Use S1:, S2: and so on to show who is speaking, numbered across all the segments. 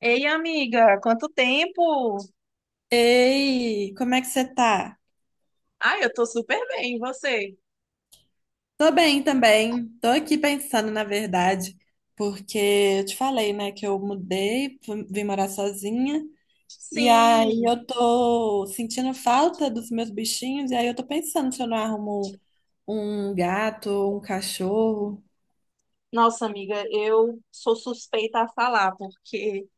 S1: Ei, amiga, quanto tempo?
S2: Ei, como é que você tá?
S1: Ah, eu tô super bem, e você?
S2: Tô bem também. Tô aqui pensando, na verdade, porque eu te falei, né, que eu mudei, vim morar sozinha, e aí
S1: Sim.
S2: eu tô sentindo falta dos meus bichinhos, e aí eu tô pensando se eu não arrumo um gato, um cachorro.
S1: Nossa, amiga, eu sou suspeita a falar, porque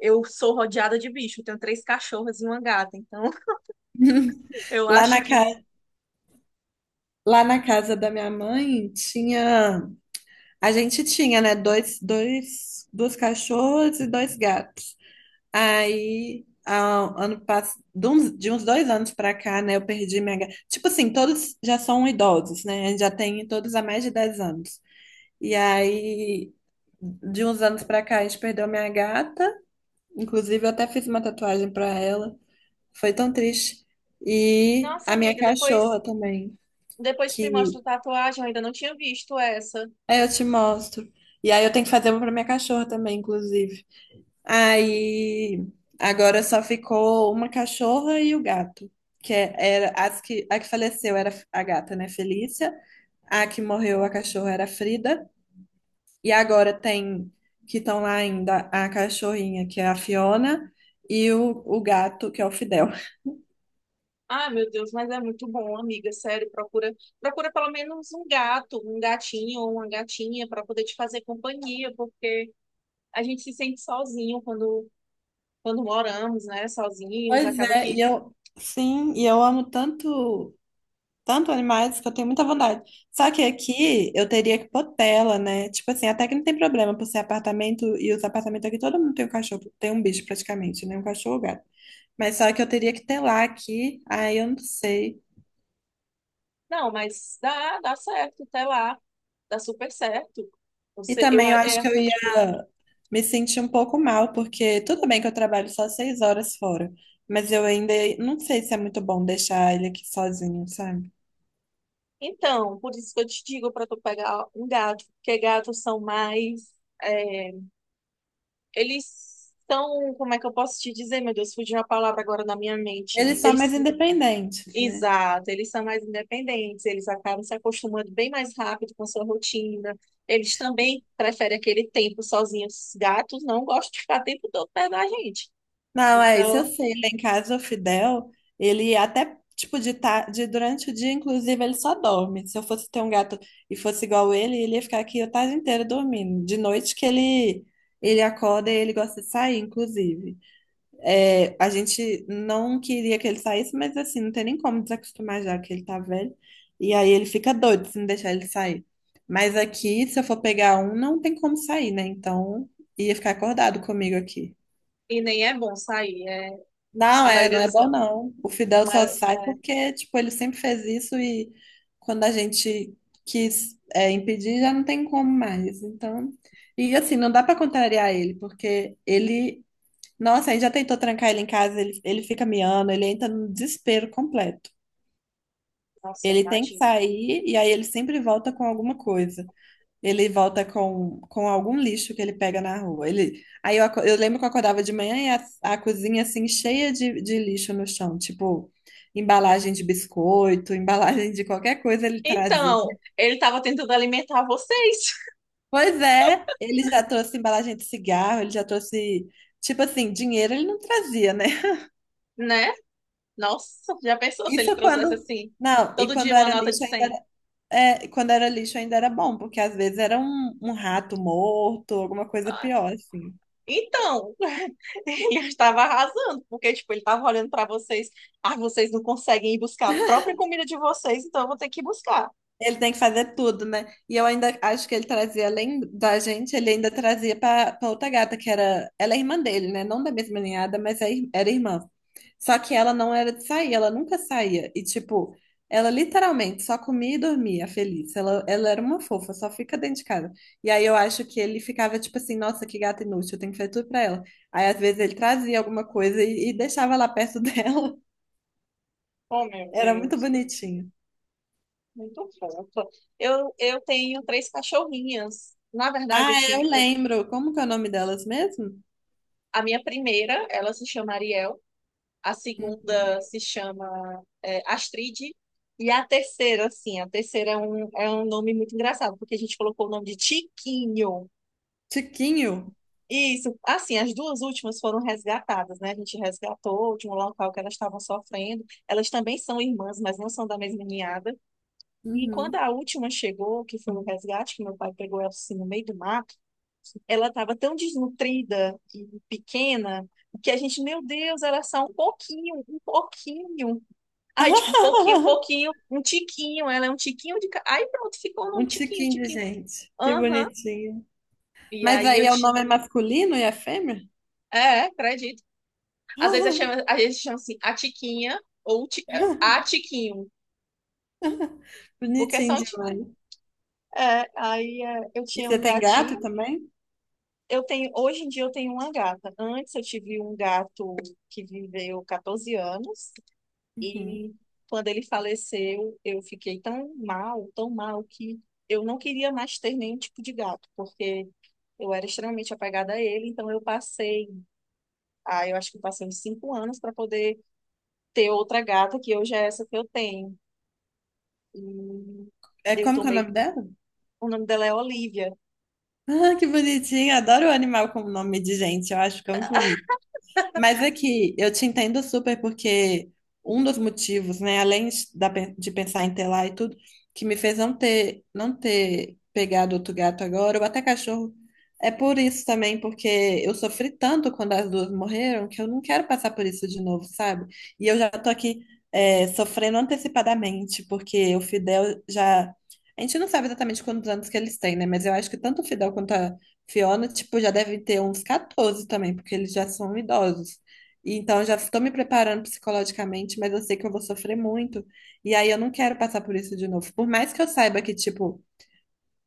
S1: eu sou rodeada de bicho. Eu tenho três cachorras e uma gata, então eu
S2: Lá
S1: acho
S2: na ca...
S1: que...
S2: Lá na casa da minha mãe tinha. A gente tinha, né, duas cachorras e dois gatos. Aí, de uns dois anos pra cá, né, eu perdi minha. Ga- Tipo assim, todos já são idosos, né? A gente já tem todos há mais de 10 anos. E aí, de uns anos pra cá, a gente perdeu minha gata. Inclusive, eu até fiz uma tatuagem pra ela. Foi tão triste. E
S1: Nossa,
S2: a minha
S1: amiga, depois,
S2: cachorra também,
S1: depois que me
S2: que.
S1: mostra a tatuagem, eu ainda não tinha visto essa.
S2: Aí eu te mostro. E aí, eu tenho que fazer uma pra minha cachorra também, inclusive. Aí agora só ficou uma cachorra e o gato, era as que a que faleceu, era a gata, né, Felícia. A que morreu, a cachorra, era a Frida, e agora tem que estão lá ainda a cachorrinha que é a Fiona e o gato que é o Fidel.
S1: Ah, meu Deus, mas é muito bom, amiga, sério, procura, procura pelo menos um gato, um gatinho ou uma gatinha para poder te fazer companhia, porque a gente se sente sozinho quando moramos, né, sozinhos,
S2: Pois
S1: acaba
S2: é, e
S1: que,
S2: eu sim, e eu amo tanto animais que eu tenho muita vontade. Só que aqui eu teria que pôr tela, né? Tipo assim, até que não tem problema por ser apartamento, e os apartamentos aqui todo mundo tem um cachorro, tem um bicho praticamente, né? Um cachorro ou gato. Mas só que eu teria que telar aqui, aí eu não sei.
S1: não, mas dá certo, até lá, dá super certo.
S2: E
S1: Você, eu,
S2: também
S1: a-
S2: eu acho
S1: é,
S2: que eu ia me sentir um pouco mal, porque tudo bem que eu trabalho só seis horas fora, mas eu ainda não sei se é muito bom deixar ele aqui sozinho, sabe?
S1: então, por isso que eu te digo para tu pegar um gato, porque gatos são mais, é, eles são, como é que eu posso te dizer, meu Deus, fugiu a palavra agora na minha mente.
S2: Eles são mais independentes, né?
S1: Exato, eles são mais independentes, eles acabam se acostumando bem mais rápido com a sua rotina. Eles também preferem aquele tempo sozinhos. Os gatos não gostam de ficar o tempo todo perto da gente.
S2: Não, é isso, eu
S1: Então,
S2: sei. Lá em casa, o Fidel, ele até, tipo, de durante o dia, inclusive, ele só dorme. Se eu fosse ter um gato e fosse igual ele, ele ia ficar aqui o tarde inteiro dormindo. De noite que ele acorda e ele gosta de sair, inclusive. É, a gente não queria que ele saísse, mas assim, não tem nem como desacostumar já que ele tá velho. E aí ele fica doido se não deixar ele sair. Mas aqui, se eu for pegar um, não tem como sair, né? Então, ia ficar acordado comigo aqui.
S1: e nem é bom sair. É,
S2: Não,
S1: a
S2: é, não
S1: maioria
S2: é
S1: dos.
S2: bom não. O Fidel só
S1: Maior,
S2: sai
S1: é,
S2: porque, tipo, ele sempre fez isso, e quando a gente quis, é, impedir, já não tem como mais. Então, e assim, não dá pra contrariar ele, porque ele, nossa, aí já tentou trancar ele em casa, ele fica miando, ele entra no desespero completo.
S1: nossa, eu
S2: Ele tem que
S1: imagino.
S2: sair, e aí ele sempre volta com alguma coisa. Ele volta com algum lixo que ele pega na rua. Ele, aí eu, aco- Eu lembro que eu acordava de manhã e a cozinha assim cheia de lixo no chão, tipo embalagem de biscoito, embalagem de qualquer coisa ele trazia.
S1: Então, ele estava tentando alimentar vocês,
S2: Pois é, ele já trouxe embalagem de cigarro, ele já trouxe, tipo assim, dinheiro ele não trazia, né?
S1: né? Nossa, já pensou se ele
S2: Isso
S1: trouxesse
S2: quando,
S1: assim,
S2: não, e
S1: todo
S2: quando
S1: dia uma
S2: era
S1: nota de
S2: lixo ainda
S1: 100?
S2: era, é, quando era lixo ainda era bom, porque às vezes era um rato morto, alguma coisa pior, assim.
S1: Então, ele estava arrasando, porque, tipo, ele estava olhando para vocês. Ah, vocês não conseguem ir buscar a própria comida de vocês, então eu vou ter que ir buscar.
S2: Ele tem que fazer tudo, né? E eu ainda acho que ele trazia, além da gente, ele ainda trazia pra pra outra gata, que era. Ela é irmã dele, né? Não da mesma ninhada, mas era irmã. Só que ela não era de sair, ela nunca saía. E, tipo, ela literalmente só comia e dormia feliz. Ela era uma fofa, só fica dentro de casa. E aí eu acho que ele ficava, tipo assim, nossa, que gata inútil, eu tenho que fazer tudo pra ela. Aí às vezes ele trazia alguma coisa e deixava lá perto dela.
S1: Oh, meu
S2: Era muito
S1: Deus, que
S2: bonitinho.
S1: muito fofa. Eu tenho três cachorrinhas. Na verdade, eu
S2: Ah, é, eu
S1: tinha...
S2: lembro. Como que é o nome delas mesmo?
S1: A minha primeira, ela se chama Ariel. A segunda
S2: Uhum.
S1: se chama Astrid. E a terceira, assim, a terceira é um nome muito engraçado, porque a gente colocou o nome de Tiquinho.
S2: Tiquinho?
S1: Isso, assim, as duas últimas foram resgatadas, né? A gente resgatou de um local que elas estavam sofrendo. Elas também são irmãs, mas não são da mesma ninhada. E quando
S2: Uhum.
S1: a última chegou, que foi o resgate, que meu pai pegou ela assim no meio do mato, ela estava tão desnutrida e pequena que a gente, meu Deus, ela é só um pouquinho, um pouquinho. Ai, tipo, um pouquinho, pouquinho, um tiquinho, ela é um tiquinho Aí pronto, ficou um
S2: Um
S1: tiquinho,
S2: tiquinho de
S1: tiquinho.
S2: gente. Que
S1: Aham.
S2: bonitinho.
S1: E
S2: Mas
S1: aí
S2: aí
S1: eu
S2: é, o
S1: te.
S2: nome é masculino e a fêmea?
S1: É, acredito. Às vezes a gente chama assim a Tiquinha ou a Tiquinho, porque
S2: Bonitinho
S1: são tipo.
S2: demais.
S1: É, aí é, eu
S2: E
S1: tinha
S2: você
S1: um
S2: tem
S1: gatinho.
S2: gato também?
S1: Hoje em dia eu tenho uma gata. Antes eu tive um gato que viveu 14 anos
S2: Uhum.
S1: e quando ele faleceu eu fiquei tão mal que eu não queria mais ter nenhum tipo de gato, porque eu era extremamente apegada a ele, então eu acho que eu passei uns 5 anos para poder ter outra gata, que hoje é essa que eu tenho. E
S2: É,
S1: eu
S2: como que é o
S1: tomei.
S2: nome dela?
S1: O nome dela é Olivia.
S2: Ah, que bonitinho. Adoro o animal com nome de gente. Eu acho que é muito bonito. Mas é que eu te entendo super, porque um dos motivos, né, além de da pe- de pensar em ter lá e tudo, que me fez não ter pegado outro gato agora, ou até cachorro, é por isso também, porque eu sofri tanto quando as duas morreram, que eu não quero passar por isso de novo, sabe? E eu já tô aqui, é, sofrendo antecipadamente, porque o Fidel já. A gente não sabe exatamente quantos anos que eles têm, né? Mas eu acho que tanto o Fidel quanto a Fiona, tipo, já deve ter uns 14 também, porque eles já são idosos. Então, eu já estou me preparando psicologicamente, mas eu sei que eu vou sofrer muito. E aí, eu não quero passar por isso de novo. Por mais que eu saiba que, tipo,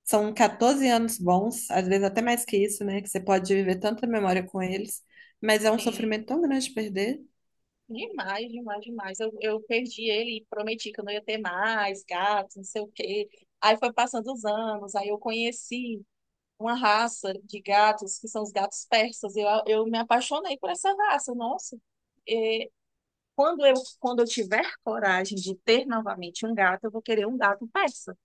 S2: são 14 anos bons, às vezes até mais que isso, né? Que você pode viver tanta memória com eles. Mas é um
S1: Tem
S2: sofrimento tão grande perder.
S1: demais, demais, demais. Eu perdi ele e prometi que eu não ia ter mais gatos, não sei o quê. Aí foi passando os anos, aí eu conheci uma raça de gatos, que são os gatos persas. Eu me apaixonei por essa raça, nossa. É, Quando eu, tiver coragem de ter novamente um gato, eu vou querer um gato persa.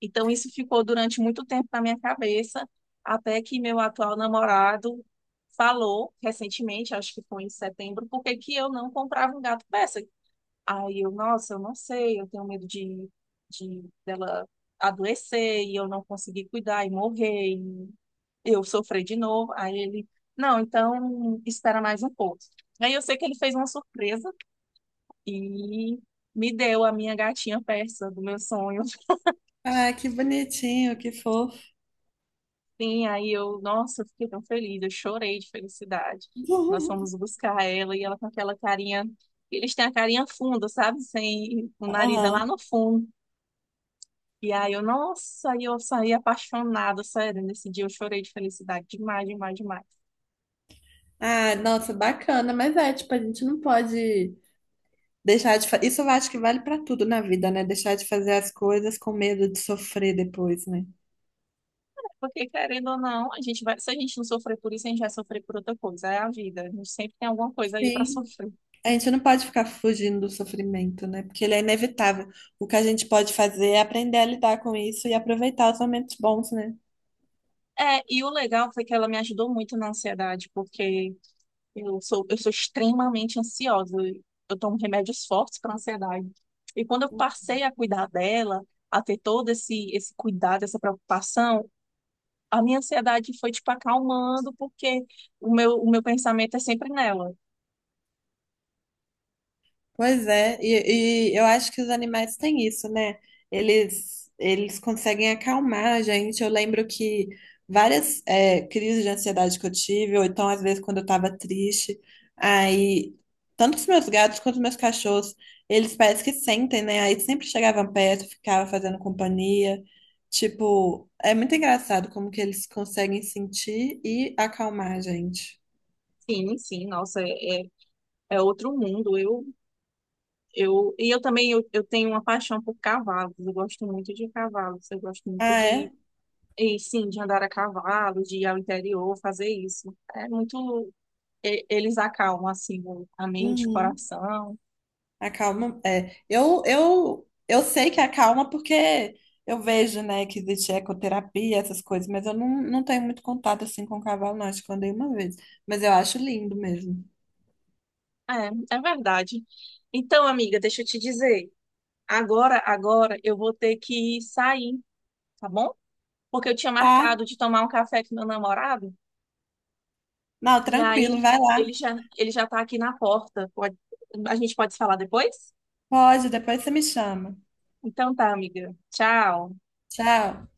S1: Então, isso ficou durante muito tempo na minha cabeça, até que meu atual namorado falou recentemente, acho que foi em setembro, por que que eu não comprava um gato persa. Aí eu, nossa, eu não sei, eu tenho medo de, dela adoecer e eu não conseguir cuidar e morrer, e eu sofrer de novo. Aí ele, não, então espera mais um pouco. Aí eu sei que ele fez uma surpresa e me deu a minha gatinha persa do meu sonho.
S2: Ah, que bonitinho, que fofo.
S1: Sim, aí eu, nossa, eu fiquei tão feliz, eu chorei de felicidade. Nós fomos buscar ela e ela com aquela carinha, eles têm a carinha funda, sabe? Sem o nariz é lá
S2: Aham.
S1: no fundo. E aí eu, nossa, aí eu saí apaixonada, sério, nesse dia eu chorei de felicidade demais, demais, demais.
S2: Ah, nossa, bacana. Mas é, tipo, a gente não pode. Deixar de fa... Isso eu acho que vale para tudo na vida, né? Deixar de fazer as coisas com medo de sofrer depois, né?
S1: Porque querendo ou não, se a gente não sofrer por isso, a gente vai sofrer por outra coisa, é a vida. A gente sempre tem alguma coisa aí para
S2: Sim,
S1: sofrer.
S2: a gente não pode ficar fugindo do sofrimento, né? Porque ele é inevitável. O que a gente pode fazer é aprender a lidar com isso e aproveitar os momentos bons, né?
S1: É, e o legal foi que ela me ajudou muito na ansiedade, porque eu sou extremamente ansiosa. Eu tomo remédios fortes para ansiedade. E quando eu passei a cuidar dela, a ter todo esse cuidado, essa preocupação, a minha ansiedade foi, tipo, acalmando, porque o meu pensamento é sempre nela.
S2: Pois é, e eu acho que os animais têm isso, né? Eles conseguem acalmar a gente. Eu lembro que várias crises de ansiedade que eu tive, ou então às vezes quando eu tava triste, aí tanto os meus gatos quanto os meus cachorros, eles parece que sentem, né? Aí sempre chegavam perto, ficavam fazendo companhia. Tipo, é muito engraçado como que eles conseguem sentir e acalmar a gente.
S1: Sim, sim, nossa, é outro mundo. E eu também eu tenho uma paixão por cavalos. Eu gosto muito de cavalos. Eu gosto muito
S2: Ah, é?
S1: sim, de andar a cavalo, de ir ao interior, fazer isso. É muito. Eles acalmam assim a mente, o
S2: Uhum.
S1: coração.
S2: Acalma, é. Eu sei que acalma, porque eu vejo, né, que existe ecoterapia, essas coisas, mas eu não, não tenho muito contato assim com o cavalo, não. Acho que eu andei uma vez. Mas eu acho lindo mesmo.
S1: É, é verdade. Então, amiga, deixa eu te dizer. Agora eu vou ter que sair, tá bom? Porque eu tinha
S2: Tá?
S1: marcado de tomar um café com meu namorado
S2: Não,
S1: e
S2: tranquilo,
S1: aí
S2: vai lá.
S1: ele já tá aqui na porta. A gente pode se falar depois?
S2: Pode, depois você me chama.
S1: Então tá, amiga. Tchau.
S2: Tchau.